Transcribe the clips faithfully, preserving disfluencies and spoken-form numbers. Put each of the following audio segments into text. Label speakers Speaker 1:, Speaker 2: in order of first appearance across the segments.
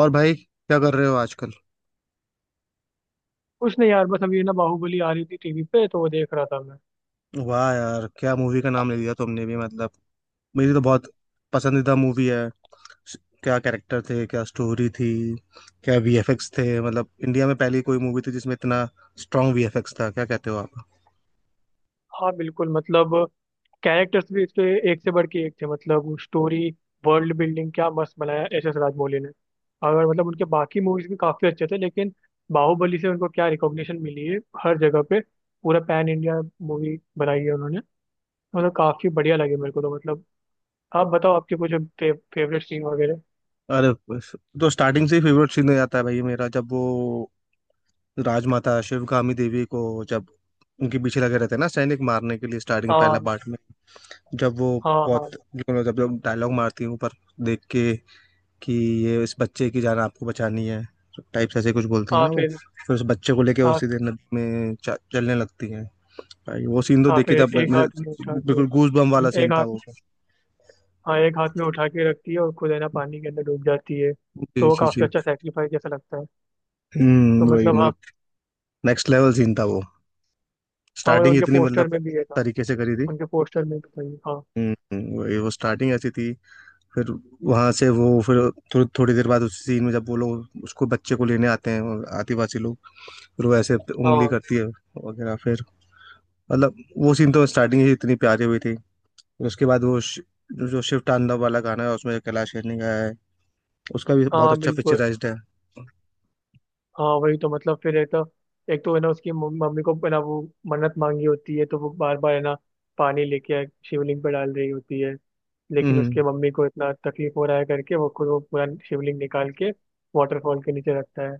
Speaker 1: और भाई क्या कर रहे हो आजकल।
Speaker 2: कुछ नहीं यार, बस अभी ना बाहुबली आ रही थी टीवी पे, तो वो देख रहा था मैं।
Speaker 1: वाह यार, क्या मूवी का नाम ले लिया तुमने भी। मतलब मेरी तो बहुत पसंदीदा मूवी है। स- क्या कैरेक्टर थे, क्या स्टोरी थी, क्या वीएफएक्स थे। मतलब इंडिया में पहली कोई मूवी थी जिसमें इतना स्ट्रांग वीएफएक्स था, क्या कहते हो आप।
Speaker 2: हाँ बिल्कुल, मतलब कैरेक्टर्स भी इसके एक से बढ़ के एक थे। मतलब स्टोरी, वर्ल्ड बिल्डिंग क्या मस्त बनाया एस एस राजमौली ने। अगर मतलब उनके बाकी मूवीज भी काफी अच्छे थे, लेकिन बाहुबली से उनको क्या रिकॉग्निशन मिली है हर जगह पे। पूरा पैन इंडिया मूवी बनाई है उन्होंने। मतलब काफी बढ़िया लगी मेरे को, तो मतलब आप बताओ, आपके कुछ फे, फेवरेट सीन वगैरह।
Speaker 1: अरे बस, तो स्टार्टिंग से ही फेवरेट सीन हो जाता है भाई मेरा। जब वो राजमाता शिवगामी देवी को, जब उनके पीछे लगे रहते हैं ना सैनिक, मारने के लिए स्टार्टिंग पहला
Speaker 2: हाँ
Speaker 1: पार्ट में, जब वो
Speaker 2: हाँ हाँ
Speaker 1: बहुत, जब जब डायलॉग मारती है ऊपर देख के कि ये इस बच्चे की जान आपको बचानी है टाइप से ऐसे कुछ बोलती है
Speaker 2: हाँ।
Speaker 1: ना, वो
Speaker 2: फिर
Speaker 1: फिर उस बच्चे को लेके वो
Speaker 2: हाँ
Speaker 1: सीधे नदी में च- चलने लगती है। भाई वो सीन तो
Speaker 2: हाँ,
Speaker 1: देखे
Speaker 2: फिर
Speaker 1: जब
Speaker 2: एक
Speaker 1: मैंने,
Speaker 2: हाथ में उठा के,
Speaker 1: बिल्कुल गूज बम वाला सीन
Speaker 2: एक
Speaker 1: था
Speaker 2: हाथ,
Speaker 1: वो।
Speaker 2: हाँ, एक हाथ में उठा के रखती है और खुद है ना पानी के अंदर डूब जाती है।
Speaker 1: जी
Speaker 2: तो वो
Speaker 1: जी
Speaker 2: काफी
Speaker 1: जी।
Speaker 2: अच्छा सेक्रीफाइस जैसा लगता है। तो
Speaker 1: हम्म, वही
Speaker 2: मतलब हाँ,
Speaker 1: मतलब नेक्स्ट लेवल सीन था वो।
Speaker 2: हाँ मतलब
Speaker 1: स्टार्टिंग
Speaker 2: उनके
Speaker 1: इतनी
Speaker 2: पोस्टर
Speaker 1: मतलब
Speaker 2: में भी है था,
Speaker 1: तरीके से करी थी।
Speaker 2: उनके पोस्टर में भी था ये। हाँ
Speaker 1: हम्म, वही वो स्टार्टिंग ऐसी थी। फिर वहाँ से वो फिर थो, थोड़ी देर बाद उसी सीन में जब वो लोग उसको, बच्चे को लेने आते हैं वो आदिवासी लोग, फिर वो ऐसे उंगली
Speaker 2: हाँ,
Speaker 1: करती है वगैरह, फिर मतलब वो सीन तो स्टार्टिंग ही इतनी प्यारी हुई थी। फिर उसके बाद वो श- जो जो शिव तांडव वाला गाना है उसमें कैलाश खेर ने गाया है, उसका भी बहुत
Speaker 2: हाँ
Speaker 1: अच्छा
Speaker 2: बिल्कुल।
Speaker 1: पिक्चराइज्ड है।
Speaker 2: हाँ वही, तो मतलब फिर एक तो, एक तो है ना उसकी मम- मम्मी को है ना वो मन्नत मांगी होती है, तो वो बार बार है ना पानी लेके शिवलिंग पे डाल रही होती है। लेकिन
Speaker 1: हम्म।
Speaker 2: उसके मम्मी को इतना तकलीफ हो रहा है करके, वो खुद वो पूरा शिवलिंग निकाल के वाटरफॉल के नीचे रखता है।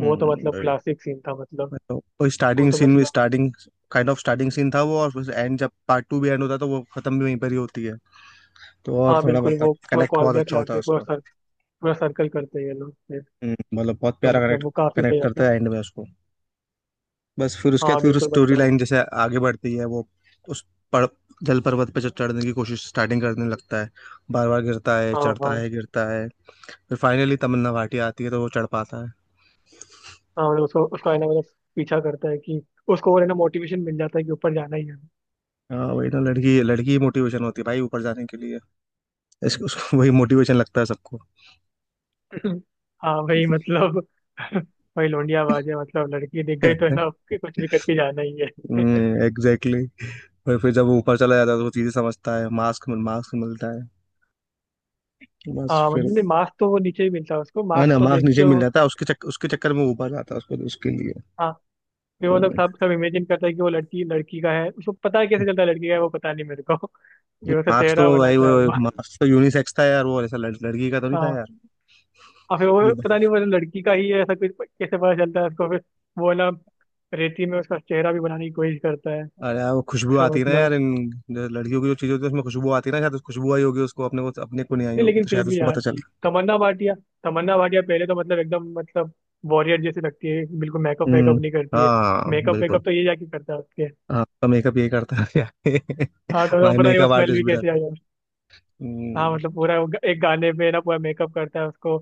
Speaker 2: वो तो मतलब
Speaker 1: वही।
Speaker 2: क्लासिक सीन था मतलब।
Speaker 1: मतलब वो
Speaker 2: वो
Speaker 1: स्टार्टिंग
Speaker 2: तो
Speaker 1: सीन में
Speaker 2: मतलब
Speaker 1: starting kind of starting scene था वो, और फिर एंड जब पार्ट टू भी एंड होता है तो वो खत्म भी वहीं पर ही होती है, तो और
Speaker 2: हाँ
Speaker 1: थोड़ा
Speaker 2: बिल्कुल,
Speaker 1: मतलब
Speaker 2: वो पूरा
Speaker 1: कनेक्ट
Speaker 2: कॉल
Speaker 1: बहुत
Speaker 2: बैक
Speaker 1: अच्छा होता
Speaker 2: लाते
Speaker 1: है
Speaker 2: हैं, पूरा
Speaker 1: उसका।
Speaker 2: सर, पूरा सर्कल करते हैं ये लोग फिर।
Speaker 1: हम्म, मतलब बहुत
Speaker 2: तो
Speaker 1: प्यारा
Speaker 2: मतलब
Speaker 1: कनेक्ट,
Speaker 2: वो काफी
Speaker 1: कनेक्ट
Speaker 2: सही आता है।
Speaker 1: करता है एंड में उसको। बस फिर उसके बाद
Speaker 2: हाँ
Speaker 1: फिर
Speaker 2: बिल्कुल
Speaker 1: स्टोरी
Speaker 2: मतलब।
Speaker 1: लाइन जैसे आगे बढ़ती है, वो उस पर जल पर्वत पे चढ़ने की कोशिश स्टार्टिंग करने लगता है, बार बार गिरता है,
Speaker 2: हाँ
Speaker 1: चढ़ता
Speaker 2: हाँ,
Speaker 1: है, गिरता है। फिर फाइनली तमन्ना भाटिया आती है तो वो चढ़ पाता है।
Speaker 2: हाँ मतलब उसको उसका है ना मतलब पीछा करता है कि उसको, और है ना मोटिवेशन मिल जाता है कि ऊपर जाना ही है।
Speaker 1: हाँ वही ना, लड़की, लड़की ही मोटिवेशन होती है भाई ऊपर जाने के लिए। इसको, उसको, वही मोटिवेशन लगता है सबको।
Speaker 2: हाँ भाई मतलब। भाई लौंडियाबाज है, मतलब लड़की दिख गई तो है ना, उसके कुछ भी करके जाना ही है।
Speaker 1: एग्जैक्टली। और फिर जब वो ऊपर चला जाता है तो वो चीजें समझता है, मास्क, मास्क मिलता है। बस
Speaker 2: हाँ
Speaker 1: फिर,
Speaker 2: मतलब नहीं, मास्क तो वो नीचे ही मिलता है उसको,
Speaker 1: है
Speaker 2: मास्क
Speaker 1: ना,
Speaker 2: तो
Speaker 1: मार्क्स
Speaker 2: देख के
Speaker 1: नीचे मिल
Speaker 2: वो।
Speaker 1: जाता है उसके चक, उसके चक्कर में ऊपर जाता है, उसको उसके लिए।
Speaker 2: हाँ, फिर वो लोग,
Speaker 1: हम्म।
Speaker 2: सब सब इमेजिन करता है कि वो लड़की लड़की का है, उसको पता है, कैसे चलता है लड़की का है वो पता नहीं मेरे को। फिर उसका
Speaker 1: मार्क्स तो
Speaker 2: चेहरा
Speaker 1: भाई
Speaker 2: बनाता
Speaker 1: वो,
Speaker 2: है वो।
Speaker 1: मार्क्स तो यूनिसेक्स था यार वो, ऐसा लड़, लड़की का तो नहीं था
Speaker 2: हाँ,
Speaker 1: यार।
Speaker 2: और फिर वो पता नहीं वो लड़की का ही है, ऐसा कुछ कैसे पता चलता है उसको। फिर वो ना रेती में उसका चेहरा भी बनाने की कोशिश करता है।
Speaker 1: अरे यार वो खुशबू
Speaker 2: तो
Speaker 1: आती है ना यार
Speaker 2: मतलब
Speaker 1: इन, जो लड़कियों की जो चीज होती है उसमें खुशबू आती है ना, शायद उस खुशबू आई होगी उसको, अपने को, अपने को नहीं आई
Speaker 2: नहीं,
Speaker 1: होगी
Speaker 2: लेकिन
Speaker 1: तो
Speaker 2: फिर
Speaker 1: शायद
Speaker 2: भी
Speaker 1: उसको
Speaker 2: यार
Speaker 1: पता चल गया।
Speaker 2: तमन्ना भाटिया, तमन्ना भाटिया पहले तो मतलब एकदम मतलब वॉरियर जैसी लगती है, बिल्कुल मेकअप
Speaker 1: हम्म।
Speaker 2: वेकअप नहीं करती है।
Speaker 1: हाँ
Speaker 2: मेकअप
Speaker 1: बिल्कुल।
Speaker 2: वेकअप तो ये जाके करता है उसके।
Speaker 1: हाँ तो मेकअप ये करता है।
Speaker 2: हाँ तो, तो
Speaker 1: भाई
Speaker 2: पता नहीं वो
Speaker 1: मेकअप
Speaker 2: स्मेल भी
Speaker 1: आर्टिस्ट भी था।
Speaker 2: कैसे आई है। हाँ
Speaker 1: हम्म।
Speaker 2: मतलब पूरा वो ग- एक गाने पे ना पूरा मेकअप करता है उसको।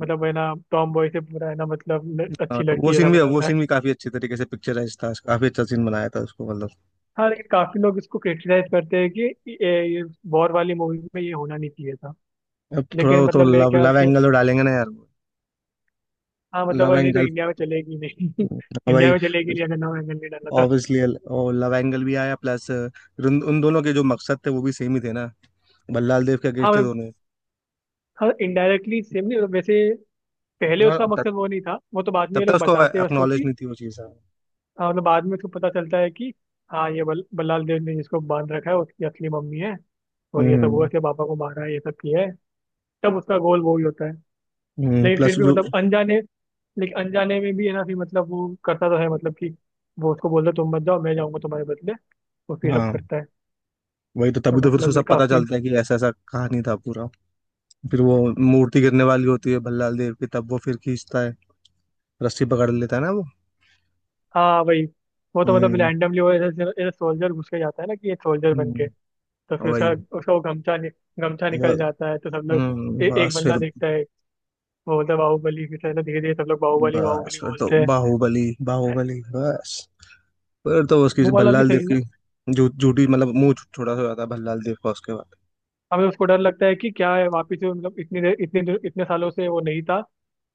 Speaker 2: मतलब है ना टॉम बॉय से पूरा है ना, मतलब ल-
Speaker 1: हाँ,
Speaker 2: अच्छी
Speaker 1: वो
Speaker 2: लड़की ऐसा
Speaker 1: सीन भी, वो
Speaker 2: बनाता है।
Speaker 1: सीन भी काफी अच्छे तरीके से पिक्चराइज था, काफी अच्छा सीन बनाया था उसको मतलब।
Speaker 2: हाँ लेकिन काफी लोग इसको क्रिटिसाइज करते हैं कि ये, ये वॉर वाली मूवी में ये होना नहीं चाहिए था।
Speaker 1: अब थोड़ा
Speaker 2: लेकिन
Speaker 1: वो तो
Speaker 2: मतलब मेरे
Speaker 1: लव,
Speaker 2: ख्याल
Speaker 1: लव
Speaker 2: से,
Speaker 1: एंगल तो डालेंगे ना यार।
Speaker 2: हाँ मतलब वो
Speaker 1: लव
Speaker 2: नहीं तो
Speaker 1: एंगल
Speaker 2: इंडिया में चलेगी नहीं। इंडिया
Speaker 1: भाई,
Speaker 2: में चलेगी नहीं अगर नौ एंगल नहीं डाला था।
Speaker 1: ऑब्वियसली। और लव एंगल भी आया, प्लस उन, उन दोनों के जो मकसद थे वो भी सेम ही थे ना। बल्लाल देव के
Speaker 2: हाँ
Speaker 1: अगेंस्ट थे
Speaker 2: मतलब,
Speaker 1: दोनों।
Speaker 2: हाँ इनडायरेक्टली सेम नहीं वैसे, पहले
Speaker 1: हाँ,
Speaker 2: उसका
Speaker 1: तब,
Speaker 2: मकसद वो नहीं था, वो तो बाद में
Speaker 1: तब
Speaker 2: ये
Speaker 1: तक
Speaker 2: लोग
Speaker 1: उसको
Speaker 2: बताते हैं उसको
Speaker 1: एक्नॉलेज
Speaker 2: कि।
Speaker 1: नहीं थी वो चीज़, हाँ।
Speaker 2: हाँ मतलब बाद में उसको पता चलता है कि हाँ ये बल, बल्लाल देव ने जिसको बांध रखा है उसकी असली मम्मी है, और ये सब वो से पापा को मारा है, ये सब किया है। तब उसका गोल वो ही होता है।
Speaker 1: हम्म,
Speaker 2: लेकिन फिर
Speaker 1: प्लस
Speaker 2: भी
Speaker 1: जो,
Speaker 2: मतलब अनजाने, लेकिन अनजाने में भी है ना, फिर मतलब वो करता तो है मतलब कि वो उसको बोलता है, तुम मत जाओ, मैं जाऊंगा तुम्हारे बदले। वो फिर सब
Speaker 1: हाँ
Speaker 2: करता है।
Speaker 1: वही तो,
Speaker 2: तो
Speaker 1: तभी तो फिर उसको
Speaker 2: मतलब ये
Speaker 1: सब पता
Speaker 2: काफी
Speaker 1: चलता है कि ऐसा ऐसा कहानी था पूरा। फिर वो मूर्ति गिरने वाली होती है भल्लाल देव की, तब वो फिर खींचता है, रस्सी पकड़ लेता है ना वो।
Speaker 2: हाँ वही। वो तो मतलब
Speaker 1: हम्म।
Speaker 2: रैंडमली वो ऐसे सोल्जर घुस के जाता है ना कि ये सोल्जर बन के।
Speaker 1: हम्म,
Speaker 2: तो फिर उसका,
Speaker 1: वही।
Speaker 2: उसका वो गमछा नि, गमछा निकल
Speaker 1: बस।
Speaker 2: जाता है, तो सब लोग,
Speaker 1: हम्म,
Speaker 2: ए, एक
Speaker 1: बस फिर,
Speaker 2: बंदा देखता है, वो बोलता है बाहुबली। फिर धीरे धीरे सब लोग बाहुबली
Speaker 1: बस
Speaker 2: बाहुबली
Speaker 1: फिर तो
Speaker 2: बोलते हैं।
Speaker 1: बाहुबली, बाहुबली, बस फिर तो उसकी,
Speaker 2: वो वाला भी
Speaker 1: भल्लाल देव
Speaker 2: सही था।
Speaker 1: की झू झूठी, मतलब मुंह छो- छोटा सा हो जाता है भल्लाल देव का उसके बाद।
Speaker 2: हमें उसको डर लगता है कि क्या है वापिस से, मतलब इतनी देर, इतने देर- इतने सालों से वो नहीं था।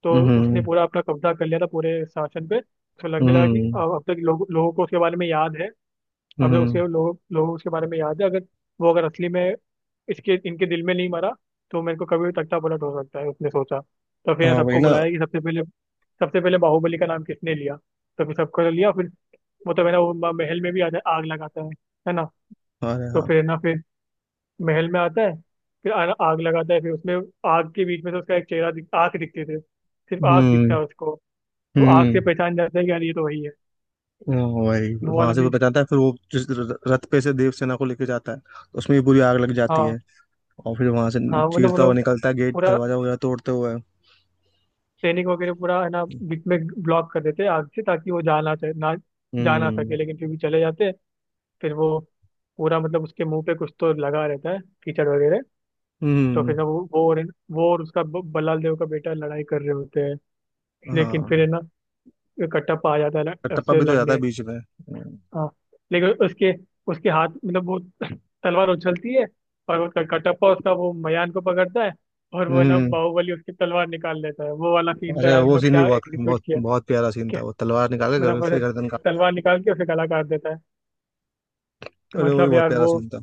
Speaker 2: तो उसने
Speaker 1: हम्म।
Speaker 2: पूरा अपना कब्जा कर लिया था पूरे शासन पे। तो लगने लगा कि
Speaker 1: हम्म।
Speaker 2: अब अब तक लोग, लोगों को उसके बारे में याद है। अब तक
Speaker 1: हम्म।
Speaker 2: उसके लोग, लोगों को उसके बारे में याद है, अगर वो अगर असली में इसके, इनके दिल में नहीं मरा, तो मेरे को कभी भी तख्ता पलट हो सकता है, उसने सोचा। तो फिर
Speaker 1: हाँ वही
Speaker 2: सबको
Speaker 1: ना।
Speaker 2: बुलाया कि सबसे पहले, सबसे पहले बाहुबली का नाम किसने लिया। तो फिर सबको लिया। फिर वो तो है ना, वो महल में भी आ- आग लगाता है है ना।
Speaker 1: अरे
Speaker 2: तो
Speaker 1: हाँ।
Speaker 2: फिर है ना, फिर महल में आता है, फिर आ- आग लगाता है फिर उसमें। आग के बीच में से उसका एक चेहरा दिख, आंख दिखती थी, सिर्फ आग दिखता
Speaker 1: हम्म।
Speaker 2: है उसको। तो आग से
Speaker 1: हम्म।
Speaker 2: पहचान जाता है कि यार ये तो वही है।
Speaker 1: हाँ भाई,
Speaker 2: वो
Speaker 1: वहां
Speaker 2: वाला
Speaker 1: से वो
Speaker 2: भी
Speaker 1: बचाता है, फिर वो जिस र- रथ पे से देव सेना को लेके जाता है तो उसमें भी बुरी आग लग जाती
Speaker 2: हाँ,
Speaker 1: है, और फिर वहां से
Speaker 2: हाँ मतलब
Speaker 1: चीरता हुआ
Speaker 2: मतलब
Speaker 1: निकलता है, गेट,
Speaker 2: पूरा
Speaker 1: दरवाजा वगैरह तोड़ते हुए।
Speaker 2: सैनिक वगैरह, पूरा है ना बीच में ब्लॉक कर देते हैं आग से, ताकि वो जा ना चाहे ना, जा ना
Speaker 1: हम्म।
Speaker 2: सके, लेकिन फिर भी चले जाते हैं। फिर वो पूरा, मतलब उसके मुंह पे कुछ तो लगा रहता है, कीचड़ वगैरह। तो फिर
Speaker 1: हम्म।
Speaker 2: ना वो वो और, वो और उसका ब- बल्लाल देव का बेटा लड़ाई कर रहे होते हैं, लेकिन फिर
Speaker 1: हाँ,
Speaker 2: है ना कटप्पा आ जाता है ल-
Speaker 1: कटप्पा
Speaker 2: उससे
Speaker 1: भी तो जाता है
Speaker 2: लड़ने।
Speaker 1: बीच में।
Speaker 2: हाँ लेकिन उसके, उसके हाथ मतलब वो तलवार उछलती है, और वो क- कटप्पा उसका वो मयान को पकड़ता है, और वो है ना
Speaker 1: हम्म।
Speaker 2: बाहुबली उसकी तलवार निकाल लेता है। वो वाला सीन तो
Speaker 1: अरे
Speaker 2: यार,
Speaker 1: वो
Speaker 2: मतलब
Speaker 1: सीन भी
Speaker 2: क्या
Speaker 1: बहुत
Speaker 2: एग्जीक्यूट
Speaker 1: बहुत
Speaker 2: किया,
Speaker 1: बहुत प्यारा सीन था,
Speaker 2: क्या!
Speaker 1: वो तलवार निकाल के गर-
Speaker 2: मतलब
Speaker 1: उसकी
Speaker 2: मतलब
Speaker 1: गर्दन काट।
Speaker 2: तलवार निकाल के उसे गला काट देता है।
Speaker 1: अरे वो भी
Speaker 2: मतलब
Speaker 1: बहुत
Speaker 2: यार
Speaker 1: प्यारा
Speaker 2: वो,
Speaker 1: सीन था।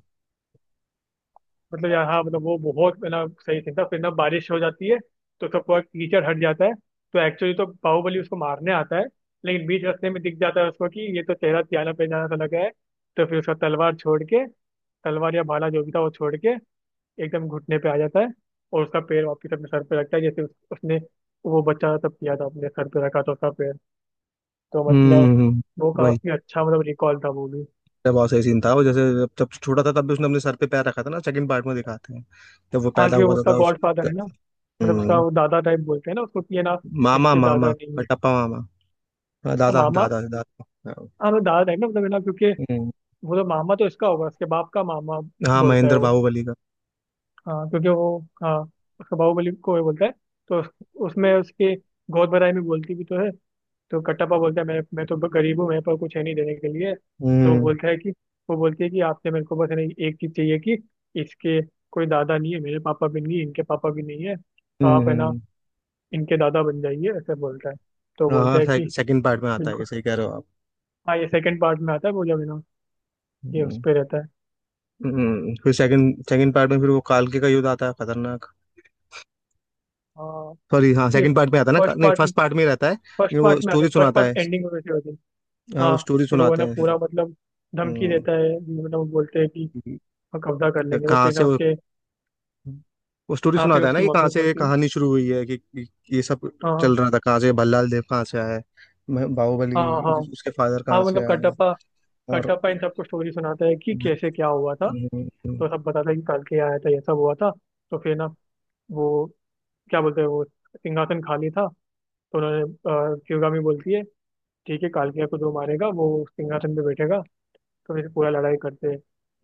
Speaker 2: मतलब यार हाँ मतलब वो बहुत है ना सही सीन था। फिर ना बारिश हो जाती है, तो उसका पूरा कीचड़ हट जाता है। तो एक्चुअली तो बाहुबली उसको मारने आता है, लेकिन बीच रास्ते में दिख जाता है उसको कि ये तो चेहरा त्याना पहचाना सा लगा है। तो फिर उसका तलवार छोड़ के, तलवार या भाला जो भी था वो छोड़ के, एकदम घुटने पे आ जाता है, और उसका पैर वापिस अपने सर पे रखता है, जैसे उस, उसने वो बच्चा तब किया था, अपने सर पे रखा था उसका पैर। तो मतलब
Speaker 1: हम्म।
Speaker 2: वो
Speaker 1: वही।
Speaker 2: काफी अच्छा मतलब रिकॉल था वो भी।
Speaker 1: तो बहुत सही सीन था वो, जैसे जब, जब छोटा था तब भी उसने अपने सर पे पैर रखा था ना, सेकंड पार्ट में दिखाते हैं जब वो
Speaker 2: हाँ
Speaker 1: पैदा
Speaker 2: क्योंकि
Speaker 1: हुआ था,
Speaker 2: उसका
Speaker 1: था उस।
Speaker 2: गॉड फादर है ना, मतलब उसका
Speaker 1: हम्म,
Speaker 2: वो दादा टाइप बोलते हैं ना उसको कि है ना,
Speaker 1: मामा,
Speaker 2: इसके दादा
Speaker 1: मामा,
Speaker 2: नहीं है।
Speaker 1: कटप्पा मामा। हाँ,
Speaker 2: हाँ
Speaker 1: दादा,
Speaker 2: मामा।
Speaker 1: दादा, दादा। हाँ।
Speaker 2: हाँ मतलब दादा टाइप ना, मतलब है ना क्योंकि
Speaker 1: हम्म,
Speaker 2: वो तो मामा तो इसका होगा, उसके बाप का मामा,
Speaker 1: हाँ,
Speaker 2: बोलता है
Speaker 1: महेंद्र
Speaker 2: वो।
Speaker 1: बाहुबली का।
Speaker 2: हाँ क्योंकि वो, हाँ उसका बाहुबली को वो बोलता है। तो उस- उसमें उसके गोद भराई में बोलती भी तो है। तो कटप्पा बोलता है, मैं मैं तो गरीब हूँ, मेरे पास कुछ है नहीं देने के लिए। तो वो
Speaker 1: हम्म।
Speaker 2: बोलता है कि, वो बोलती है कि आपसे मेरे को बस है ना एक चीज़ चाहिए कि इसके कोई दादा नहीं है, मेरे पापा भी नहीं है, इनके पापा भी नहीं है, तो
Speaker 1: हम्म।
Speaker 2: आप है ना
Speaker 1: हम्म।
Speaker 2: इनके दादा बन जाइए, ऐसे बोलता है। तो
Speaker 1: हाँ
Speaker 2: बोलता
Speaker 1: हाँ,
Speaker 2: है कि
Speaker 1: से, सेकंड पार्ट में आता है ये,
Speaker 2: बिल्कुल।
Speaker 1: सही कह रहे हो आप।
Speaker 2: हाँ ये सेकंड पार्ट में आता है वो जब है ना, ये उस
Speaker 1: हम्म।
Speaker 2: पे रहता है।
Speaker 1: हम्म, फिर सेकंड, सेकंड पार्ट में फिर वो कालके का युद्ध आता है खतरनाक।
Speaker 2: हाँ
Speaker 1: सॉरी हाँ,
Speaker 2: ये
Speaker 1: सेकंड पार्ट में आता है ना,
Speaker 2: फर्स्ट
Speaker 1: नहीं
Speaker 2: पार्ट,
Speaker 1: फर्स्ट पार्ट में ही रहता है
Speaker 2: फर्स्ट
Speaker 1: लेकिन वो
Speaker 2: पार्ट में आता
Speaker 1: स्टोरी
Speaker 2: है, फर्स्ट
Speaker 1: सुनाता
Speaker 2: पार्ट
Speaker 1: है।
Speaker 2: एंडिंग में वैसे होती है।
Speaker 1: हाँ
Speaker 2: हाँ
Speaker 1: वो स्टोरी
Speaker 2: फिर वो है
Speaker 1: सुनाते
Speaker 2: ना
Speaker 1: हैं।
Speaker 2: पूरा मतलब धमकी
Speaker 1: हम्म,
Speaker 2: देता है, मतलब वो बोलते हैं कि
Speaker 1: कि
Speaker 2: हम कब्जा कर लेंगे, तो
Speaker 1: कहाँ
Speaker 2: फिर
Speaker 1: से
Speaker 2: ना
Speaker 1: वो
Speaker 2: उसके,
Speaker 1: वो स्टोरी
Speaker 2: हाँ फिर
Speaker 1: सुनाता है ना
Speaker 2: उसकी
Speaker 1: कि कहाँ
Speaker 2: मम्मी
Speaker 1: से ये
Speaker 2: बोलती है।
Speaker 1: कहानी शुरू हुई है, कि कि ये सब चल
Speaker 2: हाँ
Speaker 1: रहा था कहाँ से, भल्लाल देव कहाँ से आया है, मैं-
Speaker 2: हाँ हाँ,
Speaker 1: बाहुबली उसके फादर कहाँ
Speaker 2: हाँ
Speaker 1: से
Speaker 2: मतलब
Speaker 1: आया है।
Speaker 2: कटप्पा,
Speaker 1: और
Speaker 2: कटप्पा इन सबको स्टोरी सुनाता है कि
Speaker 1: हम्म।
Speaker 2: कैसे क्या हुआ था।
Speaker 1: हम्म।
Speaker 2: तो सब बताता है कि कल के आया था, ये सब हुआ था, तो फिर ना वो क्या बोलते हैं, वो सिंहासन खाली था। तो उन्होंने, अ, शिवगामी बोलती है ठीक है, कालकिया को जो मारेगा वो सिंहासन पे बैठेगा। तो फिर पूरा लड़ाई करते हैं,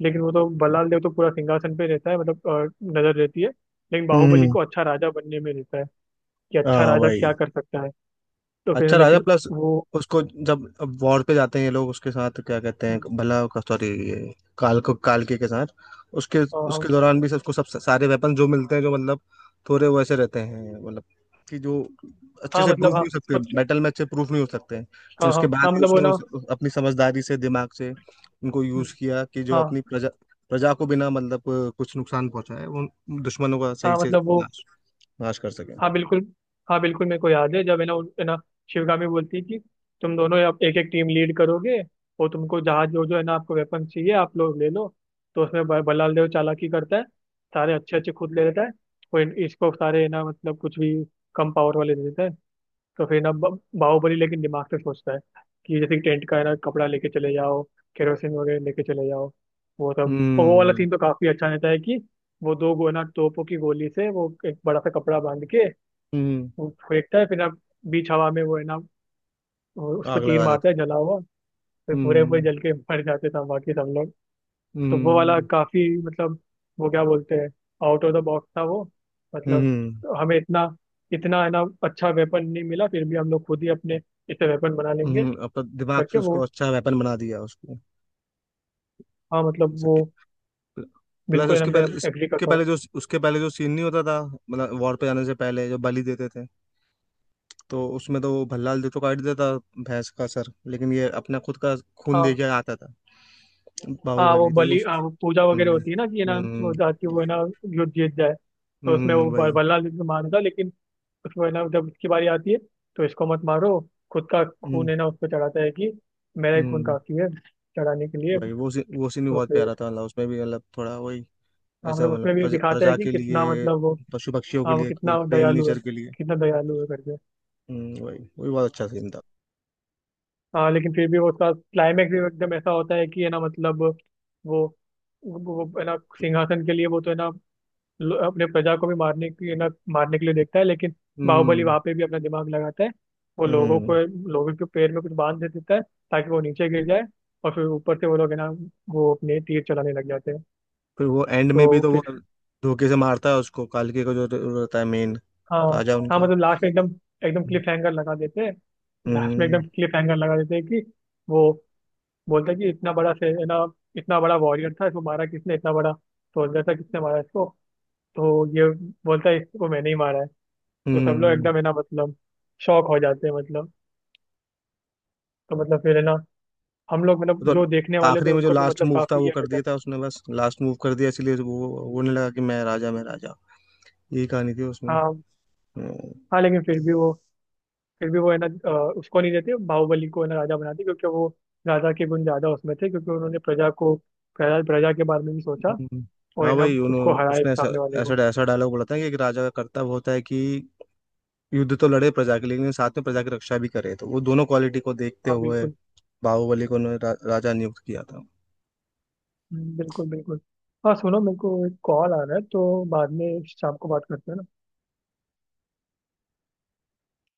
Speaker 2: लेकिन वो तो बल्लाल देव तो पूरा सिंहासन पे रहता है, मतलब अ, नजर रहती है। लेकिन बाहुबली
Speaker 1: हम्म।
Speaker 2: को अच्छा राजा बनने में रहता है कि अच्छा
Speaker 1: हाँ
Speaker 2: राजा क्या
Speaker 1: वही।
Speaker 2: कर सकता है। तो फिर
Speaker 1: अच्छा राजा
Speaker 2: लेकिन
Speaker 1: प्लस,
Speaker 2: वो,
Speaker 1: उसको जब अब वॉर पे जाते हैं ये लोग उसके साथ, क्या कहते हैं,
Speaker 2: हाँ
Speaker 1: भला का, सॉरी ये काल को, काल के के साथ, उसके,
Speaker 2: हाँ
Speaker 1: उसके दौरान भी सबको सब सारे वेपन जो मिलते हैं जो मतलब थोड़े वैसे रहते हैं, मतलब कि जो अच्छे
Speaker 2: हाँ,
Speaker 1: से प्रूफ
Speaker 2: मतलब
Speaker 1: नहीं
Speaker 2: हाँ
Speaker 1: हो सकते बैटल में, अच्छे प्रूफ नहीं हो सकते हैं, लेकिन
Speaker 2: हाँ हाँ
Speaker 1: उसके बाद
Speaker 2: हाँ
Speaker 1: भी
Speaker 2: मतलब वो
Speaker 1: उसने
Speaker 2: ना
Speaker 1: उस, अपनी समझदारी से, दिमाग से उनको यूज
Speaker 2: हम्म,
Speaker 1: किया कि जो अपनी
Speaker 2: हाँ
Speaker 1: प्रजा, प्रजा को बिना मतलब कुछ नुकसान पहुंचाए वो दुश्मनों का सही
Speaker 2: हाँ
Speaker 1: से
Speaker 2: मतलब वो
Speaker 1: नाश, नाश कर सके।
Speaker 2: हाँ बिल्कुल। हाँ बिल्कुल, मेरे को याद है जब है ना उन- है ना शिवगामी बोलती है कि तुम दोनों अब एक एक टीम लीड करोगे, और तुमको जहाँ जो जो है ना आपको वेपन चाहिए आप लोग ले लो। तो उसमें ब- बलाल देव चालाकी करता है, सारे अच्छे अच्छे खुद ले लेता है, और इन- इसको सारे है ना मतलब कुछ भी कम पावर वाले दे देता है। तो फिर ना ब- बाहुबली लेकिन दिमाग से सोचता है कि जैसे कि टेंट का है ना कपड़ा लेके चले जाओ, केरोसिन वगैरह लेके चले जाओ, वो सब। और वो वाला
Speaker 1: हम्म।
Speaker 2: सीन तो काफी अच्छा रहता है कि वो दो गो ना तोपों की गोली से वो एक बड़ा सा कपड़ा बांध के
Speaker 1: हम्म।
Speaker 2: वो फेंकता है। फिर ना बीच हवा में वो है ना, वो उस पर
Speaker 1: आग
Speaker 2: तीर
Speaker 1: लगा देते
Speaker 2: मारता है
Speaker 1: हैं।
Speaker 2: जला हुआ। फिर पूरे पूरे
Speaker 1: हम्म।
Speaker 2: जल के मर जाते सब, बाकी सब लोग। तो वो वाला
Speaker 1: हम्म।
Speaker 2: काफी मतलब वो क्या बोलते हैं, आउट ऑफ द बॉक्स था वो,
Speaker 1: हम्म।
Speaker 2: मतलब
Speaker 1: हम्म,
Speaker 2: हमें इतना, इतना है ना अच्छा वेपन नहीं मिला फिर भी हम लोग खुद ही अपने इसे वेपन बना लेंगे
Speaker 1: हम्म, अपन दिमाग
Speaker 2: करके
Speaker 1: से उसको
Speaker 2: वो।
Speaker 1: अच्छा वेपन बना दिया उसको।
Speaker 2: हाँ मतलब वो
Speaker 1: प्लस
Speaker 2: बिल्कुल है ना,
Speaker 1: उसके
Speaker 2: मैं
Speaker 1: पहले,
Speaker 2: एग्री
Speaker 1: इसके
Speaker 2: करता हूँ।
Speaker 1: पहले जो, उसके पहले जो सीन नहीं होता था मतलब वॉर पे जाने से पहले जो बलि देते थे, तो उसमें तो वो भल्लाल जो तो काट देता भैंस का सर, लेकिन ये अपना खुद का खून दे के
Speaker 2: हाँ
Speaker 1: आता था
Speaker 2: हाँ वो
Speaker 1: बाहुबली, तो वो।
Speaker 2: बलि, हाँ वो पूजा वगैरह
Speaker 1: हम्म।
Speaker 2: होती है ना, कि है ना वो
Speaker 1: हम्म।
Speaker 2: जाके वो है ना युद्ध जीत जाए। तो उसमें
Speaker 1: हम्म,
Speaker 2: वो ब-
Speaker 1: वही।
Speaker 2: बल्ला लेके मारता, लेकिन उसको है ना जब उसकी बारी आती है, तो इसको मत मारो, खुद का
Speaker 1: हम्म।
Speaker 2: खून है ना उसको चढ़ाता है कि मेरा ही खून
Speaker 1: हम्म,
Speaker 2: काफी है चढ़ाने के लिए।
Speaker 1: वही वो सीन, वो सीन भी
Speaker 2: तो
Speaker 1: बहुत
Speaker 2: फिर
Speaker 1: प्यारा था, मतलब उसमें भी मतलब थोड़ा वही
Speaker 2: हाँ
Speaker 1: ऐसा,
Speaker 2: मतलब
Speaker 1: मतलब
Speaker 2: उसमें भी
Speaker 1: प्रजा,
Speaker 2: दिखाता है
Speaker 1: प्रजा
Speaker 2: कि
Speaker 1: के
Speaker 2: कितना
Speaker 1: लिए,
Speaker 2: मतलब वो,
Speaker 1: पशु पक्षियों के
Speaker 2: हाँ वो
Speaker 1: लिए
Speaker 2: कितना
Speaker 1: वो प्रेम,
Speaker 2: दयालु है,
Speaker 1: नेचर के लिए।
Speaker 2: कितना दयालु है करके।
Speaker 1: हम्म, वही वही, बहुत अच्छा सीन था।
Speaker 2: हाँ लेकिन फिर भी वो उसका क्लाइमैक्स भी एकदम ऐसा होता है कि है ना मतलब वो वो वो है ना सिंहासन के लिए वो तो है ना ल- अपने प्रजा को भी मारने की है ना, मारने के लिए देखता है। लेकिन बाहुबली
Speaker 1: हम्म।
Speaker 2: वहाँ पे भी अपना दिमाग लगाता है, वो लोगों
Speaker 1: हम्म।
Speaker 2: को, लोगों के पैर में कुछ बांध दे देता है ताकि वो नीचे गिर जाए। और फिर ऊपर से वो लोग है ना वो अपने तीर चलाने लग जाते हैं।
Speaker 1: फिर वो एंड
Speaker 2: तो
Speaker 1: में भी तो वो
Speaker 2: फिर
Speaker 1: धोखे से मारता है उसको, कालके का जो रहता है मेन
Speaker 2: हाँ
Speaker 1: राजा
Speaker 2: हाँ,
Speaker 1: उनका।
Speaker 2: मतलब लास्ट में एकदम, एकदम क्लिफ हैंगर लगा देते हैं। लास्ट में एकदम
Speaker 1: हम्म।
Speaker 2: क्लिफ हैंगर लगा देते हैं कि वो बोलता है कि इतना बड़ा से है ना, इतना बड़ा वॉरियर था, इसको मारा किसने, इतना बड़ा सोल्जर था किसने मारा इसको। तो ये बोलता है इसको मैंने ही मारा है। तो सब लोग
Speaker 1: हम्म।
Speaker 2: एकदम है ना मतलब शॉक हो जाते हैं मतलब। तो मतलब फिर है ना हम लोग मतलब
Speaker 1: तो
Speaker 2: जो देखने वाले थे
Speaker 1: आखिरी में जो
Speaker 2: उनको भी
Speaker 1: लास्ट
Speaker 2: मतलब
Speaker 1: मूव था
Speaker 2: काफी
Speaker 1: वो
Speaker 2: ये
Speaker 1: कर
Speaker 2: रहता
Speaker 1: दिया
Speaker 2: है।
Speaker 1: था उसने, बस लास्ट मूव कर दिया इसलिए वो वो नहीं लगा कि मैं राजा, मैं राजा, यही कहानी थी उसमें।
Speaker 2: हाँ
Speaker 1: हम्म।
Speaker 2: हाँ लेकिन फिर भी वो, फिर भी वो है ना अ, उसको नहीं देते बाहुबली को है ना राजा बनाते क्योंकि वो, राजा के गुण ज्यादा उसमें थे, क्योंकि उन्होंने प्रजा को, प्रजा प्रजा के बारे में भी सोचा,
Speaker 1: हम्म।
Speaker 2: और है
Speaker 1: हाँ
Speaker 2: ना
Speaker 1: भाई
Speaker 2: उसको
Speaker 1: उन्होंने,
Speaker 2: हराए
Speaker 1: उसने ऐसा,
Speaker 2: सामने वाले
Speaker 1: ऐसा
Speaker 2: को।
Speaker 1: ऐसा डायलॉग बोला था कि एक राजा का कर्तव्य होता है कि युद्ध तो लड़े प्रजा के लिए, लेकिन साथ में प्रजा की रक्षा भी करे, तो वो दोनों क्वालिटी को देखते
Speaker 2: हाँ
Speaker 1: हुए
Speaker 2: बिल्कुल।
Speaker 1: बाहुबली को उन्होंने रा, राजा नियुक्त किया था।
Speaker 2: हम्म, बिल्कुल बिल्कुल। हाँ सुनो, मेरे को एक कॉल आ रहा है, तो बाद में शाम को बात करते हैं ना।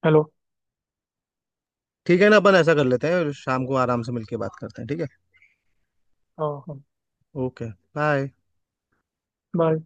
Speaker 2: हेलो।
Speaker 1: ठीक है ना, अपन ऐसा कर लेते हैं, शाम को आराम से मिलके बात करते हैं, ठीक है।
Speaker 2: हाँ हाँ।
Speaker 1: ओके। बाय।
Speaker 2: बाय।